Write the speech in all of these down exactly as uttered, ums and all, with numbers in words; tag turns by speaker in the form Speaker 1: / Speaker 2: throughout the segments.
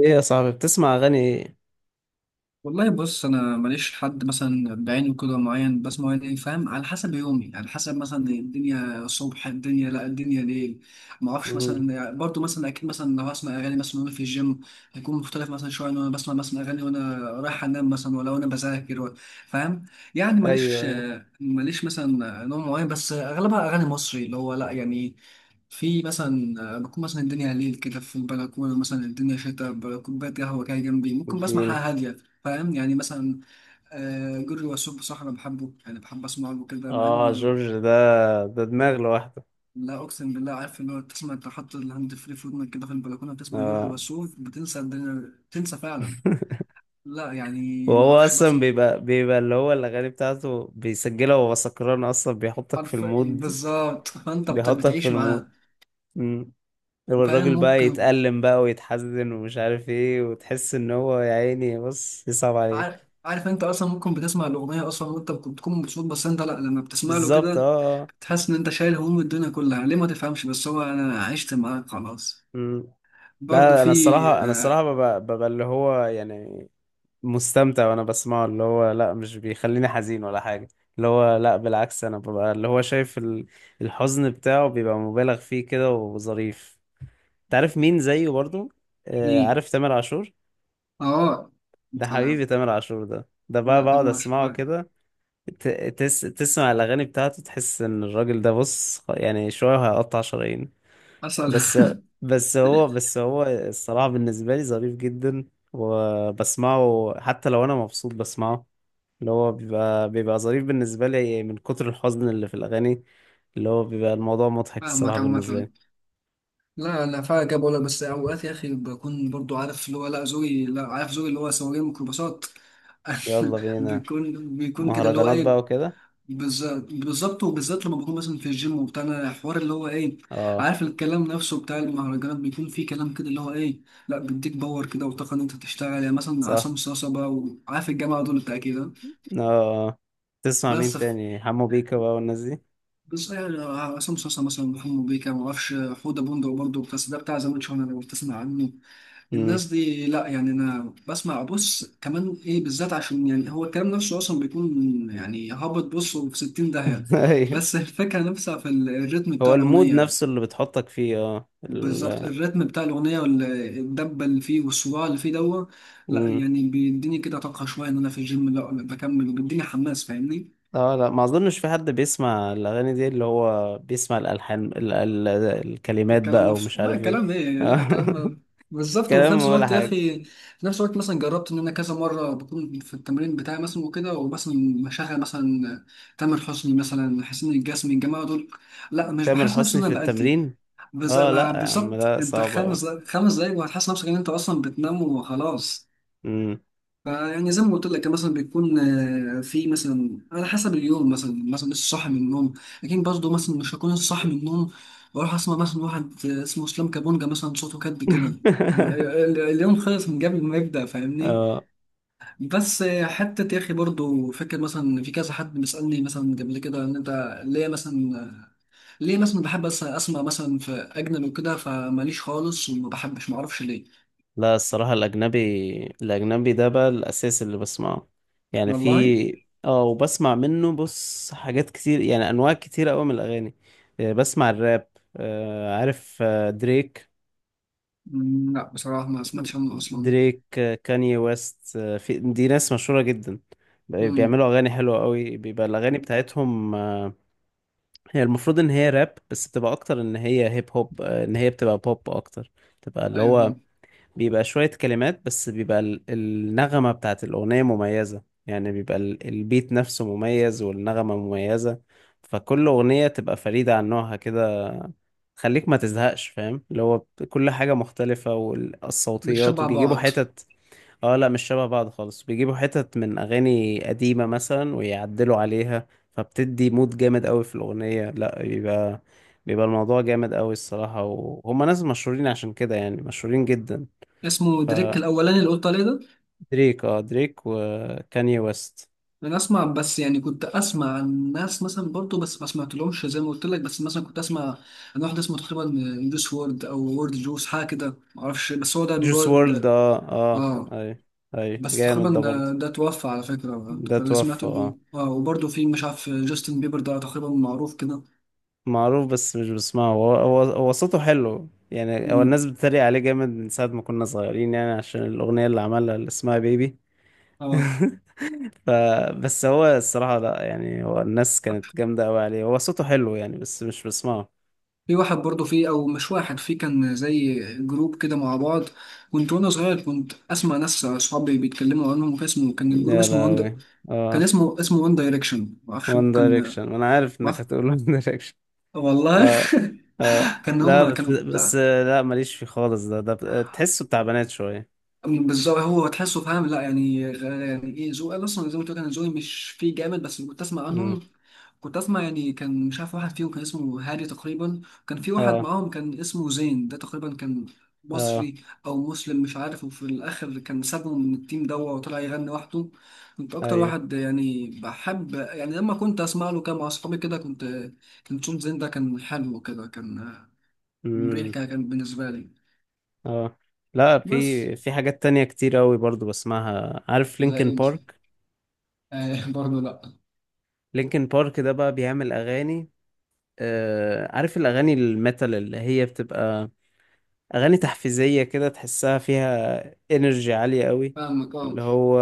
Speaker 1: ايه يا صاحبي، بتسمع اغاني ايه؟
Speaker 2: والله، بص، انا ماليش حد مثلا بعينه كده معين بسمعه، يعني فاهم؟ على حسب يومي، على حسب مثلا الدنيا صبح، الدنيا لا، الدنيا ليل. ما اعرفش،
Speaker 1: مم.
Speaker 2: مثلا برضو مثلا اكيد مثلا لو هسمع اغاني مثلا وانا في الجيم، هيكون مختلف مثلا شويه. ان انا بسمع مثلا اغاني وانا رايح انام مثلا، ولا وانا بذاكر ولا- فاهم يعني.
Speaker 1: ايوه،
Speaker 2: ماليش
Speaker 1: ايوه.
Speaker 2: ماليش مثلا نوع معين، بس اغلبها اغاني مصري، اللي هو لا يعني. في مثلا بكون مثلا الدنيا ليل كده في البلكونه مثلا، الدنيا شتاء، كوبايه قهوه كده جنبي، ممكن بسمع
Speaker 1: اديني.
Speaker 2: حاجه هاديه. فاهم يعني مثلا؟ آه، جورج وسوف بصراحة أنا بحبه، يعني بحب أسمع له كده مع
Speaker 1: اه،
Speaker 2: إنه
Speaker 1: جورج ده ده دماغ لوحده.
Speaker 2: لا، أقسم بالله، عارف اللي هو تسمع أنت حاطط الهاند فري في ودنك كده في البلكونة، بتسمع جورج
Speaker 1: اه.
Speaker 2: وسوف بتنسى الدنيا، بتنسى فعلا. لا يعني ما
Speaker 1: وهو
Speaker 2: أعرفش
Speaker 1: اصلا
Speaker 2: مثلا.
Speaker 1: بيبقى بيبقى اللي هو الاغاني بتاعته بيسجلها وهو سكران، اصلا بيحطك في
Speaker 2: عارف
Speaker 1: المود.
Speaker 2: بالظبط، فأنت بت-
Speaker 1: بيحطك في
Speaker 2: بتعيش
Speaker 1: المود.
Speaker 2: معاه.
Speaker 1: امم
Speaker 2: فاهم؟
Speaker 1: والراجل بقى
Speaker 2: ممكن.
Speaker 1: يتألم بقى ويتحزن ومش عارف ايه، وتحس ان هو يا عيني بص يصعب عليك.
Speaker 2: عارف، عارف أنت أصلا ممكن بتسمع الأغنية أصلا، وأنت بت- بتكون مبسوط، بس أنت لا لما بتسمع له
Speaker 1: بالظبط،
Speaker 2: كده
Speaker 1: اه، اه.
Speaker 2: بتحس إن أنت شايل هموم الدنيا كلها. ليه ما تفهمش، بس هو أنا عشت معاه خلاص.
Speaker 1: مم.
Speaker 2: برضه
Speaker 1: لا، انا
Speaker 2: في.
Speaker 1: الصراحه انا
Speaker 2: آه،
Speaker 1: الصراحه ببقى, ببقى اللي هو يعني مستمتع وانا بسمعه، اللي هو لا مش بيخليني حزين ولا حاجة. اللي هو لا، بالعكس، انا ببقى اللي هو شايف ال- الحزن بتاعه بيبقى مبالغ فيه كده وظريف. تعرف مين زيه برضو؟ آه،
Speaker 2: ليه؟
Speaker 1: عارف، تامر عاشور.
Speaker 2: اه.
Speaker 1: ده
Speaker 2: سلام.
Speaker 1: حبيبي تامر عاشور، ده ده بقى
Speaker 2: لا طب
Speaker 1: بقعد
Speaker 2: ما شاء
Speaker 1: اسمعه
Speaker 2: الله.
Speaker 1: كده. ت- تس تسمع الاغاني بتاعته تحس ان الراجل ده بص يعني شوية وهيقطع شرايين.
Speaker 2: حصل.
Speaker 1: بس بس هو بس هو الصراحة بالنسبة لي ظريف جدا، وبسمعه حتى لو انا مبسوط بسمعه. اللي هو بيبقى بيبقى ظريف بالنسبة لي من كتر الحزن اللي في الأغاني، اللي هو بيبقى الموضوع مضحك الصراحة
Speaker 2: فاهمك
Speaker 1: بالنسبة
Speaker 2: عامة.
Speaker 1: لي.
Speaker 2: لا، انا فعلا جاب ولا، بس اوقات يا اخي بكون برضو عارف اللي هو لا، ذوقي، لا، عارف ذوقي اللي هو سواقين ميكروباصات.
Speaker 1: يلا بينا.
Speaker 2: بيكون بيكون كده اللي هو
Speaker 1: مهرجانات بقى
Speaker 2: ايه.
Speaker 1: وكده.
Speaker 2: بالظبط، بالظبط، وبالذات لما بكون مثلا في الجيم وبتاع، أنا الحوار اللي هو ايه؟
Speaker 1: اه.
Speaker 2: عارف الكلام نفسه بتاع المهرجانات بيكون فيه كلام كده اللي هو ايه؟ لا، بيديك باور كده وطاقه ان انت تشتغل، يعني مثلا
Speaker 1: صح.
Speaker 2: عصام صاصا بقى، وعارف الجامعه دول بتاع كده.
Speaker 1: اه. آه. تسمع مين
Speaker 2: بس،
Speaker 1: تاني؟ حمو بيكا بقى والناس دي.
Speaker 2: بس يعني عصام صاصا مثلا، محمد بيكا، ما اعرفش، حوده بندق برضه، بس ده بتاع زمان، شهر لو بتسمع عنه.
Speaker 1: امم
Speaker 2: الناس دي لا يعني انا بسمع، بص كمان ايه بالذات عشان يعني هو الكلام نفسه اصلا بيكون يعني هابط، بص، في ستين داهيه.
Speaker 1: ايوه.
Speaker 2: بس الفكره نفسها في ال- الريتم بتاع
Speaker 1: هو المود
Speaker 2: الاغنيه.
Speaker 1: نفسه اللي بتحطك فيه، اه،
Speaker 2: بالظبط،
Speaker 1: ال...
Speaker 2: الريتم بتاع الاغنيه والدبه اللي فيه والصراع اللي فيه دوت. لا
Speaker 1: امم
Speaker 2: يعني بيديني كده طاقه شويه ان انا في الجيم لا بكمل، وبيديني حماس، فاهمني؟
Speaker 1: اه لا ما اظنش في حد بيسمع الاغاني دي اللي هو بيسمع الالحان، ال... ال... الكلمات
Speaker 2: الكلام
Speaker 1: بقى ومش
Speaker 2: نفسه، لا
Speaker 1: عارف ايه.
Speaker 2: الكلام ايه، لا الكلام. بالظبط. وفي
Speaker 1: كلام
Speaker 2: نفس
Speaker 1: ولا
Speaker 2: الوقت يا
Speaker 1: حاجة.
Speaker 2: اخي، في نفس الوقت مثلا جربت ان انا كذا مره بكون في التمرين بتاعي مثلا، وكده ومثلا بشغل مثلا تامر حسني مثلا، حسين الجسمي، الجماعه دول، لا مش
Speaker 1: تامر
Speaker 2: بحس نفسي
Speaker 1: حسني
Speaker 2: ان
Speaker 1: في
Speaker 2: انا بأدي.
Speaker 1: التمرين؟
Speaker 2: بز-
Speaker 1: اه لا يا عم،
Speaker 2: بالظبط،
Speaker 1: لا
Speaker 2: انت
Speaker 1: صعب أوي.
Speaker 2: خمس خمس دقايق وهتحس نفسك ان انت اصلا بتنام وخلاص.
Speaker 1: أمم.
Speaker 2: يعني زي ما قلت لك مثلا بيكون آه، في مثلا على حسب اليوم مثلا مثلا لسه صاحي من النوم. لكن برضه مثلا مش هكون لسه صاحي من النوم، واروح اسمع مثلا واحد آه، اسمه اسلام كابونجا مثلا، صوته كد كده. آه، ال- اليوم خلص من قبل ما يبدأ، فاهمني؟
Speaker 1: اه
Speaker 2: بس آه، حتة يا أخي برضه فكرة مثلا، في كذا حد بيسألني مثلا قبل كده إن أنت ليه مثلا، ليه مثلا بحب أس- أسمع مثلا في أجنبي وكده، فماليش خالص وما بحبش، معرفش ليه.
Speaker 1: لا الصراحة الأجنبي، الأجنبي ده بقى الأساس اللي بسمعه. يعني في،
Speaker 2: والله.
Speaker 1: اه، وبسمع منه بص حاجات كتير، يعني أنواع كتير أوي من الأغاني. آه، بسمع الراب. آه، عارف، آه، دريك.
Speaker 2: مم، لا بصراحة ما سمعتش عنه أصلا.
Speaker 1: دريك، آه، كاني ويست، آه، في دي ناس مشهورة جدا،
Speaker 2: مم.
Speaker 1: بيعملوا أغاني حلوة أوي. بيبقى الأغاني بتاعتهم هي المفروض ان هي راب، بس بتبقى اكتر ان هي هيب هوب، آه، ان هي بتبقى بوب اكتر. بتبقى اللي
Speaker 2: ايوه
Speaker 1: هو
Speaker 2: فاهم.
Speaker 1: بيبقى شوية كلمات، بس بيبقى ال- النغمة بتاعت الأغنية مميزة، يعني بيبقى ال- البيت نفسه مميز والنغمة مميزة. فكل أغنية تبقى فريدة عن نوعها كده، خليك ما تزهقش. فاهم اللي هو كل حاجة مختلفة،
Speaker 2: مش
Speaker 1: والصوتيات
Speaker 2: شبع
Speaker 1: وبيجيبوا
Speaker 2: بعض.
Speaker 1: حتت. اه لا، مش شبه بعض خالص، بيجيبوا حتت من اغاني قديمة مثلا ويعدلوا عليها، فبتدي مود جامد قوي في الاغنية. لا بيبقى، بيبقى الموضوع جامد قوي الصراحة، وهم ناس مشهورين عشان كده يعني، مشهورين جدا.
Speaker 2: اسمه دريك
Speaker 1: فدريك
Speaker 2: الاولاني اللي قلت عليه ده.
Speaker 1: اه دريك وكاني ويست.
Speaker 2: انا اسمع، بس يعني كنت اسمع عن ناس مثلا برضو بس ما سمعتلهمش زي ما قلت لك، بس مثلا كنت اسمع عن واحد اسمه تقريبا جوس وورد او وورد جوس، حاجه كده ما اعرفش، بس هو ده
Speaker 1: جوس وورلد.
Speaker 2: المراد.
Speaker 1: اه اه
Speaker 2: اه.
Speaker 1: اي. اي
Speaker 2: بس تقريبا
Speaker 1: جامد ده برضه.
Speaker 2: ده, ده توفى على فكره،
Speaker 1: ده
Speaker 2: فاللي سمعته
Speaker 1: توفى،
Speaker 2: انه
Speaker 1: اه.
Speaker 2: اه، وبرضو في مش عارف جاستن بيبر ده تقريبا معروف كده.
Speaker 1: معروف بس مش بسمعه. هو هو هو صوته حلو يعني، هو
Speaker 2: مم.
Speaker 1: الناس بتتريق عليه جامد من ساعة ما كنا صغيرين، يعني عشان الأغنية اللي عملها اللي اسمها بيبي.
Speaker 2: اه.
Speaker 1: ف بس هو الصراحة لا يعني، هو الناس كانت جامدة أوي عليه، هو صوته حلو يعني بس مش بسمعه.
Speaker 2: في واحد برضه فيه، او مش واحد، فيه كان زي جروب كده مع بعض، كنت وانا صغير كنت اسمع ناس اصحابي بيتكلموا عنهم، كان اسمه، كان الجروب
Speaker 1: يا
Speaker 2: اسمه وان د-
Speaker 1: لهوي.
Speaker 2: كان
Speaker 1: اه.
Speaker 2: اسمه اسمه وان دايركشن، ما اعرفش
Speaker 1: وان
Speaker 2: ممكن ما
Speaker 1: دايركشن؟ أنا عارف إنك
Speaker 2: اعرف
Speaker 1: هتقول وان دايركشن.
Speaker 2: والله.
Speaker 1: اه. اه
Speaker 2: كان
Speaker 1: لا،
Speaker 2: هم
Speaker 1: بس
Speaker 2: كانوا
Speaker 1: بس
Speaker 2: بتاع
Speaker 1: لا ماليش فيه خالص، ده ده تحسه بتاع بنات شوية.
Speaker 2: بالظبط، هو تحسه فاهم لا يعني، غ- يعني ايه ذوقي أنا اصلا زي ما قلت لك انا ذوقي مش فيه جامد، بس كنت اسمع
Speaker 1: مم.
Speaker 2: عنهم. كنت اسمع يعني كان مش عارف، واحد فيهم كان اسمه هادي تقريبا، كان في واحد
Speaker 1: اه.
Speaker 2: معاهم كان اسمه زين، ده تقريبا كان
Speaker 1: اه.
Speaker 2: مصري او مسلم مش عارف، وفي الاخر كان سابهم من التيم ده وطلع يغني لوحده. كنت اكتر
Speaker 1: أيوه.
Speaker 2: واحد يعني بحب، يعني لما كنت اسمع له كده مع اصحابي كده كنت كنت صوت زين ده كان حلو كده، كان مريح
Speaker 1: مم.
Speaker 2: كده كان بالنسبه لي.
Speaker 1: اه لا،
Speaker 2: بس
Speaker 1: في في حاجات تانية كتير أوي برضو بسمعها. عارف لينكن
Speaker 2: زي انت.
Speaker 1: بارك؟
Speaker 2: آه برضه لا.
Speaker 1: لينكن بارك ده بقى بيعمل أغاني. آه، عارف الأغاني الميتال اللي هي بتبقى أغاني تحفيزية كده، تحسها فيها إنرجي عالية قوي.
Speaker 2: فاهمك اه.
Speaker 1: اللي هو،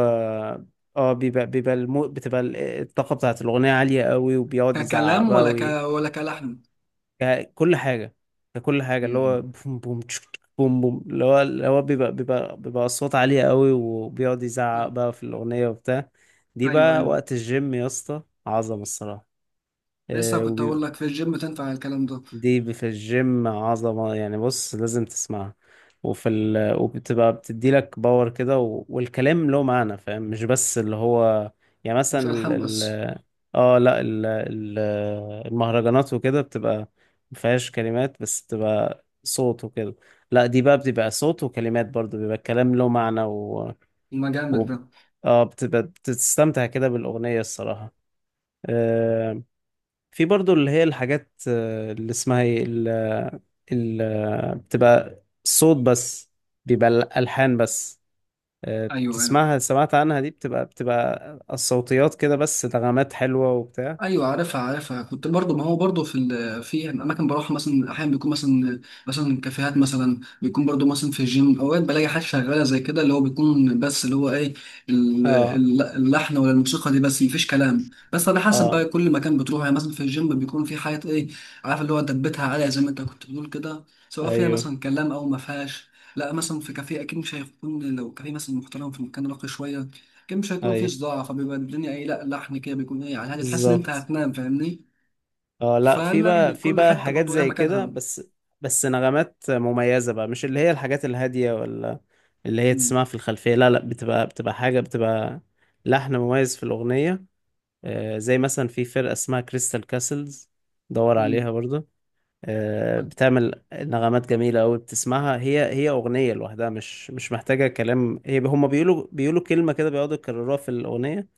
Speaker 1: اه، بيبقى بيبقى المو... بتبقى ال- الطاقة بتاعة الأغنية عالية قوي، وبيقعد يزعق
Speaker 2: ككلام
Speaker 1: بقى
Speaker 2: ولا ك
Speaker 1: وي...
Speaker 2: ولا كلحن.
Speaker 1: ك- كل حاجة. كل حاجة اللي هو
Speaker 2: مم.
Speaker 1: بوم بوم تشك تشك بوم بوم، اللي هو اللي هو بيبقى بيبقى بيبقى الصوت عالية قوي، وبيقعد يزعق
Speaker 2: آه،
Speaker 1: بقى في الأغنية وبتاع. دي
Speaker 2: ايوه،
Speaker 1: بقى
Speaker 2: ايوه،
Speaker 1: وقت الجيم يا اسطى، عظمة الصراحة.
Speaker 2: لسه كنت اقول لك في الجيم تنفع الكلام ده.
Speaker 1: دي في الجيم عظمة يعني، بص لازم تسمعها. وفي ال... وبتبقى بتدي لك باور كده، و... والكلام له معنى فاهم، مش بس اللي هو يعني
Speaker 2: مش
Speaker 1: مثلا ال...
Speaker 2: الحام بس.
Speaker 1: ال... اه لا، ال... ال... المهرجانات وكده بتبقى مفيهاش كلمات، بس بتبقى صوت وكده. لا دي بقى بتبقى صوت وكلمات برضو، بيبقى الكلام له معنى و...
Speaker 2: المجامل
Speaker 1: و...
Speaker 2: ده.
Speaker 1: اه، بتبقى بتستمتع كده بالأغنية الصراحة. آه، في برضو اللي هي الحاجات، آه، اللي اسمها ايه، ال- ال- بتبقى صوت بس، بيبقى الألحان بس. آه،
Speaker 2: ايوه، ايوه،
Speaker 1: بتسمعها، سمعت عنها، دي بتبقى بتبقى الصوتيات كده بس، نغمات حلوة وبتاع.
Speaker 2: ايوه، عارفها، عارفها، كنت برضو، ما هو برضو في ال- في اماكن بروح مثلا احيانا بيكون مثلا، مثلا كافيهات مثلا بيكون برضو مثلا في الجيم اوقات بلاقي حاجات شغاله زي كده اللي هو بيكون، بس اللي هو ايه ال-
Speaker 1: اه.
Speaker 2: ال- اللحن ولا الموسيقى دي، بس مفيش كلام. بس على حسب بقى
Speaker 1: اه.
Speaker 2: كل مكان بتروح، يعني مثلا في الجيم بيكون في حاجات ايه عارف اللي هو دبتها عاليه زي ما انت كنت بتقول كده، سواء فيها
Speaker 1: ايوه،
Speaker 2: مثلا كلام او ما فيهاش. لا مثلا في كافيه اكيد مش هيكون، لو كافيه مثلا محترم في مكان راقي شويه كان مش هيكون فيه
Speaker 1: ايوه.
Speaker 2: صداع، فبيبقى الدنيا ايه، لا لحن كده بيكون ايه، يعني هتحس ان انت
Speaker 1: بالظبط.
Speaker 2: هتنام فاهمني؟
Speaker 1: اه لا، في
Speaker 2: فلا،
Speaker 1: بقى
Speaker 2: يعني
Speaker 1: في
Speaker 2: كل
Speaker 1: بقى
Speaker 2: حته
Speaker 1: حاجات
Speaker 2: برضو لها
Speaker 1: زي كده،
Speaker 2: مكانها.
Speaker 1: بس. بس نغمات مميزة بقى، مش اللي هي الحاجات الهادية، ولا اللي هي
Speaker 2: مم.
Speaker 1: تسمعها في الخلفية. لا، لا، بتبقى بتبقى حاجة، بتبقى لحن مميز في الأغنية. آه، زي مثلا في فرقة اسمها كريستال كاسلز، دور
Speaker 2: مم.
Speaker 1: عليها برضه. آه، بتعمل نغمات جميلة أوي بتسمعها، هي هي أغنية لوحدها، مش مش محتاجة كلام. هي هما بيقولوا بيقولوا كلمة كده، بيقعدوا يكرروها في الأغنية،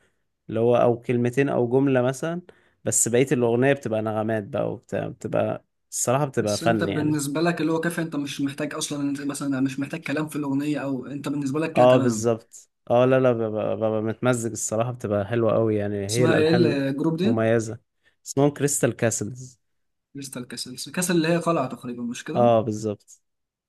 Speaker 1: اللي هو، أو كلمتين أو جملة مثلا. بس بقية الأغنية بتبقى نغمات بقى وبتاع، بتبقى الصراحة بتبقى
Speaker 2: بس انت
Speaker 1: فن يعني.
Speaker 2: بالنسبه لك اللي هو كافي، انت مش محتاج اصلا، انت مثلا مش محتاج كلام في الاغنيه، او انت بالنسبه لك كانت
Speaker 1: اه،
Speaker 2: تمام.
Speaker 1: بالظبط. اه لا لا، ببقى, ببقى متمزج الصراحة، بتبقى حلوة أوي يعني، هي
Speaker 2: اسمها ايه
Speaker 1: الألحان
Speaker 2: الجروب دي؟
Speaker 1: مميزة. اسمهم كريستال كاسلز.
Speaker 2: كريستال كاسل كاسل اللي هي قلعه تقريبا مش كده؟
Speaker 1: اه بالظبط.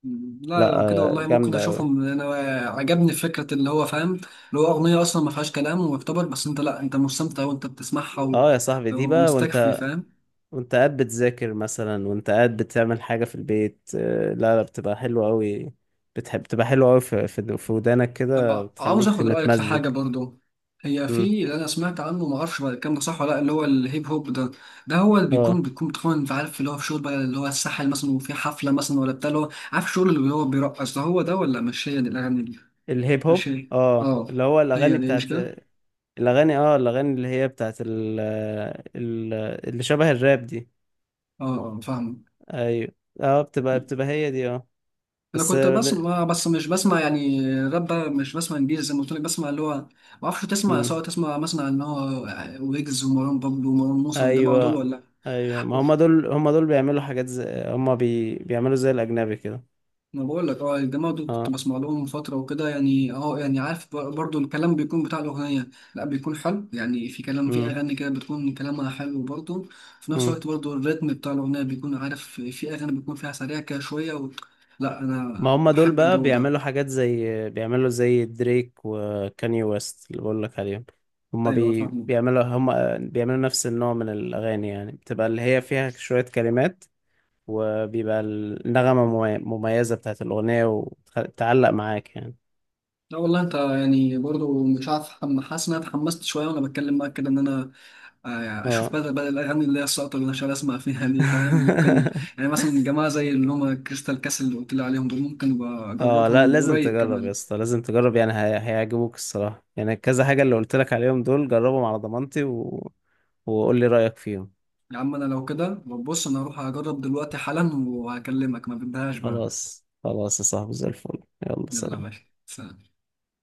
Speaker 2: مم. لا
Speaker 1: لا.
Speaker 2: لو كده
Speaker 1: آه،
Speaker 2: والله ممكن
Speaker 1: جامدة أوي.
Speaker 2: اشوفهم انا. عجبني فكره اللي هو فاهم اللي هو اغنيه اصلا ما فيهاش كلام ويعتبر، بس انت لا انت مستمتع وانت بتسمعها و-
Speaker 1: اه يا صاحبي، دي بقى،
Speaker 2: ومستكفي،
Speaker 1: وانت
Speaker 2: فاهم؟
Speaker 1: وانت قاعد بتذاكر مثلا، وانت قاعد بتعمل حاجة في البيت، آه، لا لا بتبقى حلوة أوي. بتحب بتبقى حلوة أوي في في في ودانك كده،
Speaker 2: طب عاوز
Speaker 1: بتخليك
Speaker 2: اخد رايك في
Speaker 1: متمزج.
Speaker 2: حاجه برضو، هي
Speaker 1: مم.
Speaker 2: في اللي انا سمعت عنه، ما اعرفش بقى الكلام ده صح ولا لا، اللي هو الهيب هوب ده، ده هو اللي بيكون
Speaker 1: اه.
Speaker 2: بيكون بتكون انت عارف اللي هو في شغل بقى اللي هو الساحل مثلا وفي حفله مثلا ولا بتاع، اللي هو عارف الشغل اللي هو بيرقص ده هو ده، ولا مش هي دي الاغاني دي؟
Speaker 1: الهيب
Speaker 2: مش
Speaker 1: هوب،
Speaker 2: هي.
Speaker 1: اه،
Speaker 2: اه.
Speaker 1: اللي هو الأغاني
Speaker 2: هي دي
Speaker 1: بتاعت
Speaker 2: مش كده.
Speaker 1: الأغاني، اه الأغاني اللي هي بتاعت ال... ال... اللي شبه الراب دي.
Speaker 2: اه. آه، فاهم.
Speaker 1: أيوة. اه بتبقى بتبقى هي دي، اه.
Speaker 2: انا
Speaker 1: بس
Speaker 2: كنت
Speaker 1: آه، ب-
Speaker 2: بسمع، بس مش بسمع يعني راب بقى، مش بسمع انجليزي زي ما قلت لك، بسمع اللي هو ما اعرفش تسمع،
Speaker 1: مم.
Speaker 2: سواء تسمع مثلا عن ان هو ويجز ومروان بابلو ومروان موسى والجماعه دول
Speaker 1: ايوه،
Speaker 2: ولا.
Speaker 1: ايوه. ما هم دول، هم دول بيعملوا حاجات زي هم بي... بيعملوا زي الاجنبي كده.
Speaker 2: انا بقول لك اه الجماعه دول كنت
Speaker 1: اه.
Speaker 2: بسمع لهم من فتره وكده، يعني اه يعني عارف ب- برضو الكلام بيكون بتاع الاغنيه، لا بيكون حلو يعني، في كلام في
Speaker 1: امم.
Speaker 2: اغاني كده بتكون كلامها حلو برضو. في نفس
Speaker 1: امم.
Speaker 2: الوقت برضو الريتم بتاع الاغنيه بيكون عارف، في اغاني بيكون فيها سريع كده شويه و... لا
Speaker 1: ما
Speaker 2: انا
Speaker 1: هم دول
Speaker 2: بحب
Speaker 1: بقى
Speaker 2: الجو
Speaker 1: بيعملوا
Speaker 2: ده.
Speaker 1: حاجات زي بيعملوا زي دريك وكاني ويست اللي بقول لك عليهم. هم
Speaker 2: ايوه
Speaker 1: بي...
Speaker 2: فاهمك.
Speaker 1: بيعملوا هم بيعملوا نفس النوع من الاغاني، يعني بتبقى اللي هي فيها شوية كلمات، وبيبقى النغمة ممي- مميزة بتاعت الاغنية وتعلق معاك يعني.
Speaker 2: لا والله انت يعني برضو مش عارف حم- حاسس ان انا اتحمست شويه وانا بتكلم معاك كده، ان انا آه يعني
Speaker 1: اه.
Speaker 2: اشوف بدل بدل الاغاني اللي هي الساقطه اللي أنا شغال اسمع فيها دي، فاهم ممكن يعني مثلا جماعه زي اللي هم كريستال كاسل اللي قلت لي عليهم دول ممكن ابقى
Speaker 1: اه لا،
Speaker 2: اجربهم
Speaker 1: لازم
Speaker 2: قريب
Speaker 1: تجرب يا
Speaker 2: كمان.
Speaker 1: اسطى، لازم تجرب يعني، هي... هيعجبوك الصراحة يعني. كذا حاجة اللي قلت لك عليهم دول، جربهم على ضمانتي و... وقول لي رأيك فيهم.
Speaker 2: يا عم انا لو كده بص انا هروح اجرب دلوقتي حالا وهكلمك، ما بدهاش بقى.
Speaker 1: خلاص، خلاص يا صاحبي، زي الفل، يلا
Speaker 2: يلا يا
Speaker 1: سلام.
Speaker 2: باشا. سلام.